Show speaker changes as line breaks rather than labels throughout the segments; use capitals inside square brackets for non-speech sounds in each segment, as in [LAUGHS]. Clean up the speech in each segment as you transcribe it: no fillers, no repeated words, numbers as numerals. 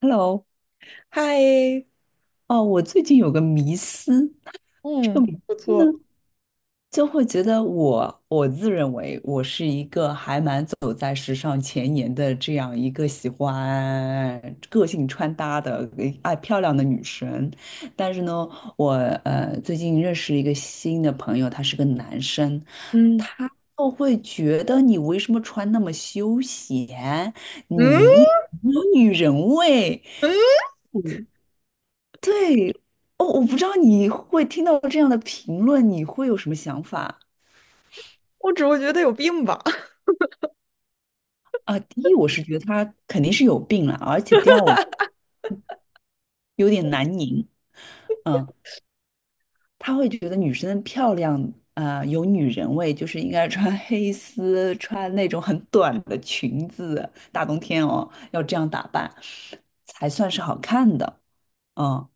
Hello，
嗨，
哦，我最近有个迷思。这个
嗯
迷
不
思呢，
错。
就会觉得我自认为我是一个还蛮走在时尚前沿的这样一个喜欢个性穿搭的爱漂亮的女生。但是呢，我最近认识一个新的朋友，他是个男生。
嗯，
他就会觉得你为什么穿那么休闲，
嗯
你一点都没有女人味。
嗯，
嗯，对。哦，我不知道你会听到这样的评论，你会有什么想法？
我只会觉得有病吧。
啊？第一，我是觉得他肯定是有病了，而且第二，我
[LAUGHS]
有点难拧。嗯，他会觉得女生漂亮，啊，有女人味，就是应该穿 [LAUGHS] 黑丝，穿那种很短的裙子，大冬天哦，要这样打扮才算是好看的。嗯，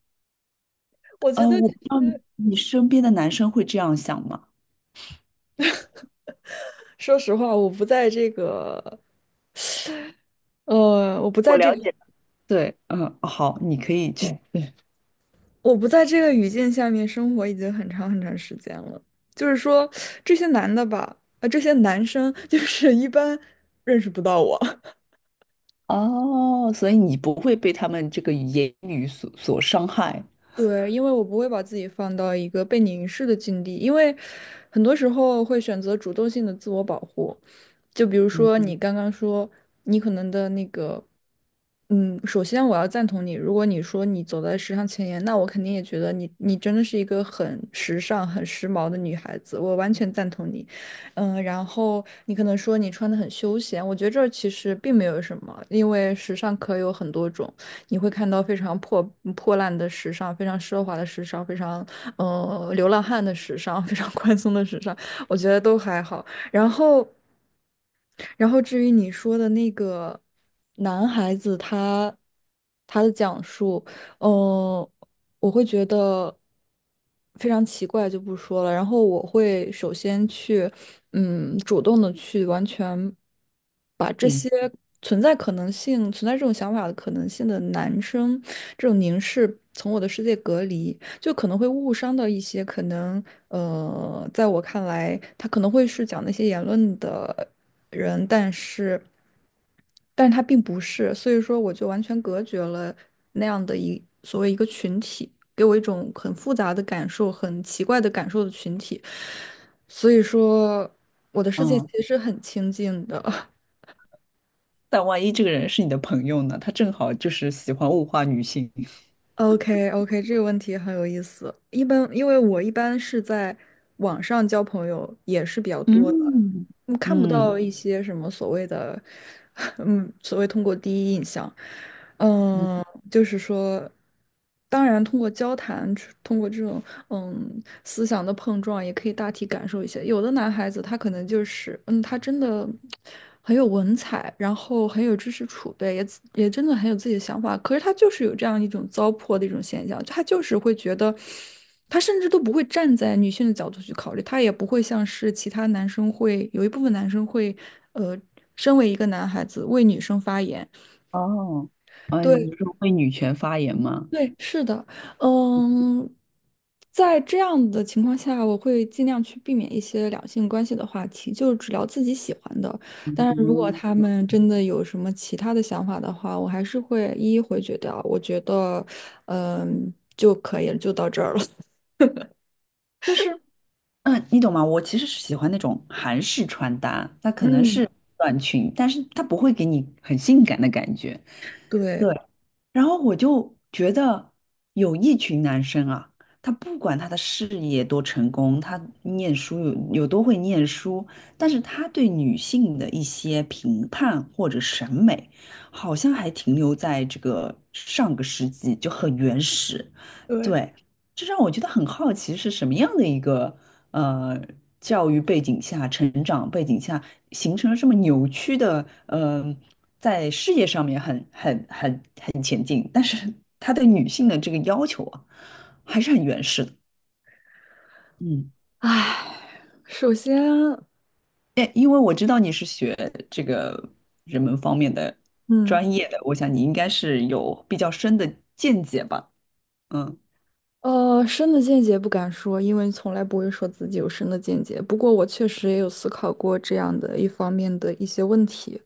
我觉得，
我不知道你身边的男生会这样想吗？
说实话，呃，我不
我
在这
了
个，
解。对，嗯，哦好，你可以去。
我不在这个语境下面生活已经很长很长时间了。就是说，这些男的吧，啊，这些男生 [LAUGHS] 就是一般认识不到我。
哦，所以你不会被他们这个言语所伤害。
对，因为我不会把自己放到一个被凝视的境地，因为很多时候会选择主动性的自我保护。就比如
嗯，
说你刚刚说，你可能的那个，嗯，首先我要赞同你，如果你说你走在时尚前沿，那我肯定也觉得你真的是一个很时尚、很时髦的女孩子，我完全赞同你。嗯，然后你可能说你穿的很休闲，我觉得这儿其实并没有什么，因为时尚可有很多种。你会看到非常破烂的时尚，非常奢华的时尚，非常流浪汉的时尚，非常宽松的时尚，我觉得都还好。然后，然后至于你说的那个男孩子他的讲述，嗯、我会觉得非常奇怪，就不说了。然后我会首先去，嗯，主动的去完全。
嗯，
存在可能性、存在这种想法的可能性的男生，这种凝视从我的世界隔离，就可能会误伤到一些可能在我看来，他可能会是讲那些言论的人，但是他并不是，所以说我就完全隔绝了那样的一所谓一个群体，给我一种很复杂的感受、很奇怪的感受的群体，所以说我的世界
嗯，
其实很清静的。[LAUGHS]
但万一这个人是你的朋友呢？他正好就是喜欢物化女性。
OK OK，这个问题很有意思。一般因为我一般是在网上交朋友也是比较多的，
嗯，
嗯，看不
嗯，
到一些什么所谓的，[LAUGHS] 嗯，所谓通过第一印象，
嗯。
嗯，就是说，当然通过交谈，通过这种，思想的碰撞也可以大体感受一些。有的男孩子他可能就是，嗯，他真的很有文采，然后很有知识储备，也自也真的很有自己的想法。可是他就是有这样一种糟粕的一种现象，他就是会觉得，他甚至都不会站在女性的角度去考虑，他也不会像是其他男生会，有一部分男生会，呃，身为一个男孩子为女生发言。
哦，啊，你
对，
是会女权发言吗？
对，是的，嗯，在这样的情况下，我会尽量去避免一些两性关系的话题，就只聊自己喜欢的。但是如果
嗯，
他们真的有什么其他的想法的话，我还是会一一回绝掉。我觉得，嗯，就可以了，就到这儿了。[LAUGHS]
就是。嗯，你懂吗？我其实是喜欢那种韩式穿搭，它可能
嗯，
是短裙，但是它不会给你很性感的感觉。对，
对
然后我就觉得有一群男生啊，他不管他的事业多成功，他念书有多会念书，但是他对女性的一些评判或者审美，好像还停留在这个上个世纪，就很原始。
对，
对，这让我觉得很好奇，是什么样的一个。呃教育背景下、成长背景下，形成了这么扭曲的，在事业上面很前进，但是他对女性的这个要求啊，还是很原始的。嗯，
唉，首先，
哎，因为我知道你是学这个人文方面的
嗯。
专业的，我想你应该是有比较深的见解吧？嗯。
呃，深的见解不敢说，因为从来不会说自己有深的见解。不过我确实也有思考过这样的一方面的一些问题。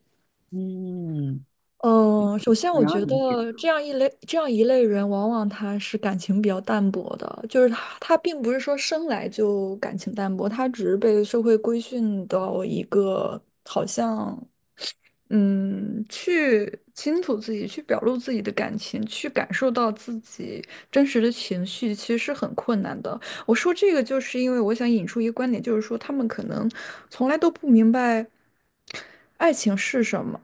嗯，
嗯，首先我
然后
觉
你觉得
得这样一类人，往往他是感情比较淡薄的，就是他并不是说生来就感情淡薄，他只是被社会规训到一个好像。嗯，去清楚自己，去表露自己的感情，去感受到自己真实的情绪，其实是很困难的。我说这个，就是因为我想引出一个观点，就是说他们可能从来都不明白爱情是什么。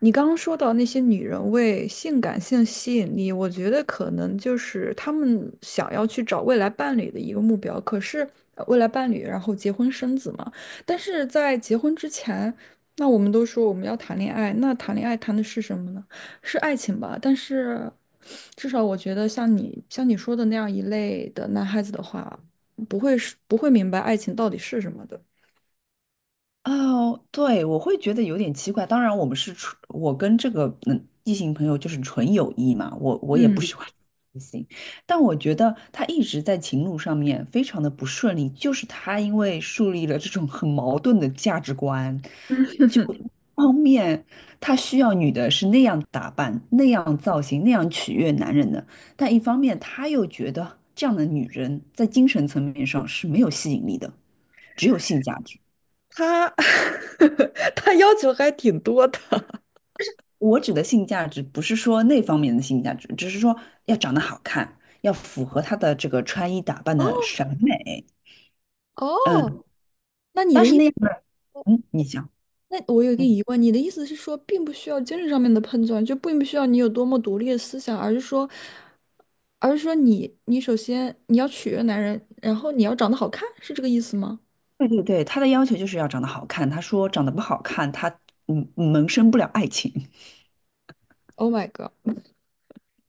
你刚刚说到那些女人为性感性吸引力，我觉得可能就是他们想要去找未来伴侣的一个目标。可是未来伴侣，然后结婚生子嘛。但是在结婚之前。那我们都说我们要谈恋爱，那谈恋爱谈的是什么呢？是爱情吧？但是至少我觉得，像你说的那样一类的男孩子的话，不会明白爱情到底是什么的。
哦，对，我会觉得有点奇怪。当然，我们是纯，我跟这个异性朋友就是纯友谊嘛，我也不
嗯，
喜欢 [LAUGHS] 异性，但我觉得他一直在情路上面非常的不顺利，就是他因为树立了这种很矛盾的价值观，就一方面他需要女的是那样打扮、那样造型、那样取悦男人的，但一方面他又觉得这样的女人在精神层面上是没有吸引力的，只有性价值。
他 [LAUGHS] 他要求还挺多的。[LAUGHS]
我指的性价值不是说那方面的性价值，只是说要长得好看，要符合他的这个穿衣打扮的
哦，
审美。嗯，
哦，那你
但
的
是
意
那样的，嗯，你想，
那我有一个
嗯，
疑问，你的意思是说，并不需要精神上面的碰撞，就并不需要你有多么独立的思想，而是说你首先你要取悦男人，然后你要长得好看，是这个意思吗
对对对，他的要求就是要长得好看。他说长得不好看，他萌生不了爱情。
？Oh my god，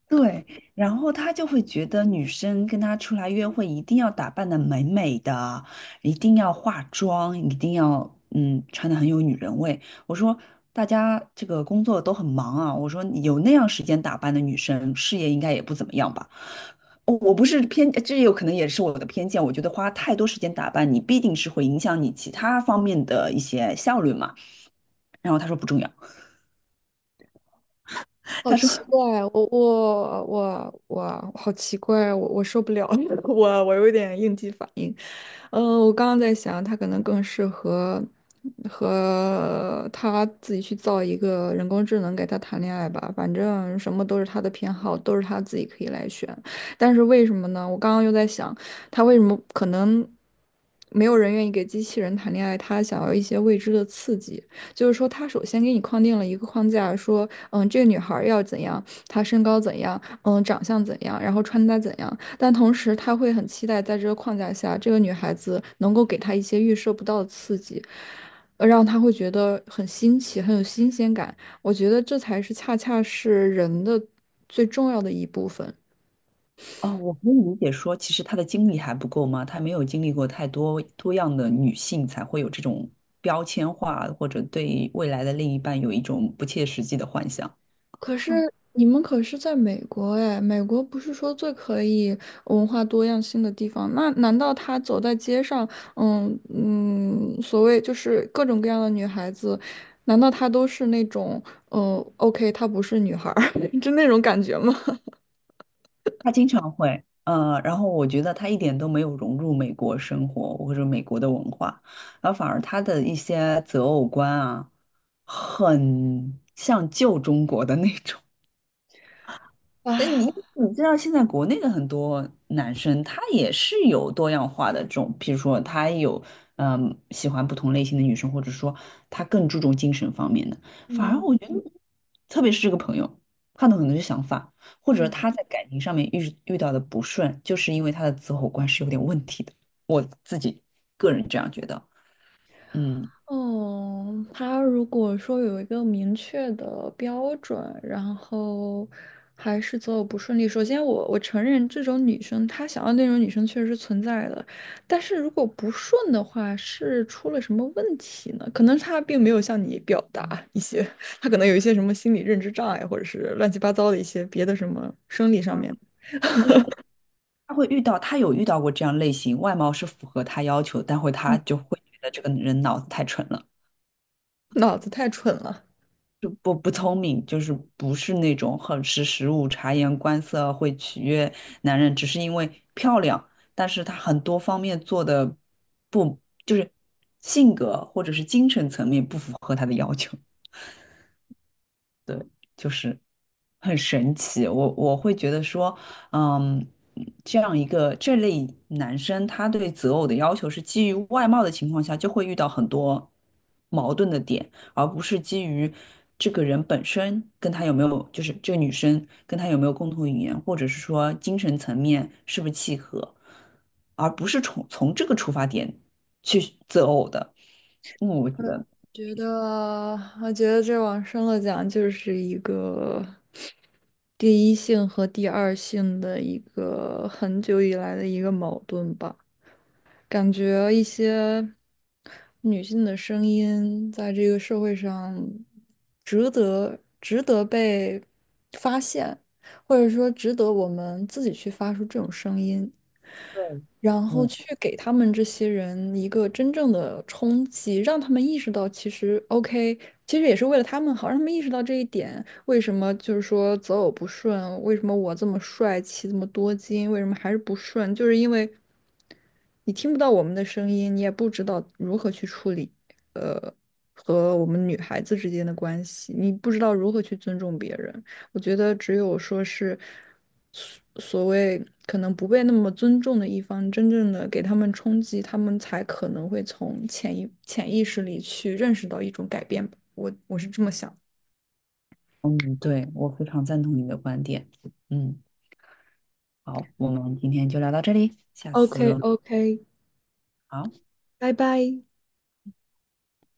对，然后他就会觉得女生跟他出来约会一定要打扮的美美的，一定要化妆，一定要穿的很有女人味。我说大家这个工作都很忙啊，我说有那样时间打扮的女生，事业应该也不怎么样吧。哦我不是偏，这有可能也是我的偏见。我觉得花太多时间打扮你，必定是会影响你其他方面的一些效率嘛。然后他说不重要，[LAUGHS]
好
他说
奇怪，我好奇怪，我受不了，[LAUGHS] 我有点应激反。嗯，我刚刚在想，他可能更适合和他自己去造一个人工智能给他谈恋爱吧。反正什么都是他的偏好，都是他自己可以来选。但是为什么呢？我刚刚又在想，他为什么可能没有人愿意给机器人谈恋爱？他想要一些未知的刺激，就是说，他首先给你框定了一个框架，说，嗯，这个女孩儿要怎样，她身高怎样，嗯，长相怎样，然后穿搭怎样。但同时他会很期待在这个框架下，这个女孩子能够给他一些预设不到的刺激，让他会觉得很新奇，很有新鲜感。我觉得这才是恰恰是人的最重要的一部分。
哦，我可以理解说，其实她的经历还不够吗？她没有经历过太多多样的女性，才会有这种标签化，或者对未来的另一半有一种不切实际的幻想。
可是
嗯，
你们可是在美国哎，美国不是说最可以文化多样性的地方？那难道他走在街上，所谓就是各种各样的女孩子，难道她都是那种，嗯，OK，她不是女孩儿，[LAUGHS] 就那种感觉吗？
她经常会，呃，然后我觉得她一点都没有融入美国生活或者美国的文化，然后反而她的一些择偶观啊，很像旧中国的那种。
[LAUGHS]
那
啊，
你你知道现在国内的很多男生，他也是有多样化的这种，比如说他有喜欢不同类型的女生，或者说他更注重精神方面的。反而
嗯
我觉得，特别是这个朋友，他的很多想法，或者
嗯，
他在感情上面遇到的不顺，就是因为他的择偶观是有点问题的。我自己个人这样觉得。嗯，
哦，他如果说有一个明确的标准，然后还是择偶不顺利，首先我承认这种女生，她想要那种女生确实是存在的，但是如果不顺的话，是出了什么问题呢？可能她并没有向你表达一些，[LAUGHS] 她可能有一些什么心理认知障碍，或者是乱七八糟的一些别的什么生理上面，
就是他会遇到，他有遇到过这样类型，外貌是符合他要求，但会他
嗯
就会觉得这个人脑子太蠢了。
脑子太蠢了。
就不聪明，就是不是那种很识时务、察言观色会取悦男人，只是因为漂亮。但是她很多方面做的不，就是性格或者是精神层面不符合他的要求。对，就是很神奇。我我会觉得说，嗯，这样一个这类男生，他对择偶的要求是基于外貌的情况下，就会遇到很多矛盾的点，而不是基于这个人本身跟他有没有，就是这个女生跟他有没有共同语言，或者是说精神层面是不是契合，而不是从这个出发点去择偶的。嗯，我觉得。
觉得，我觉得这往深了讲，就是一个第一性和第二性的一个很久以来的一个矛盾吧。感觉一些女性的声音在这个社会上值得被发现，或者说值得我们自己去发出这种声音。然后
嗯。
去给他们这些人一个真正的冲击，让他们意识到其实 OK，其实也是为了他们好，让他们意识到这一点。为什么就是说择偶不顺？为什么我这么帅气，这么多金，为什么还是不顺？就是因为。你听不到我们的声音，你也不知道如何去处理，呃，和我们女孩子之间的关系，你不知道如何去尊重别人。我觉得只有说是所所谓可能不被那么尊重的一方，真正的给他们冲击，他们才可能会从潜意识里去认识到一种改变吧。我我是这么想。
嗯，对，我非常赞同你的观点。嗯，好，我们今天就聊到这里，下
o k
次
o k
好。
拜拜。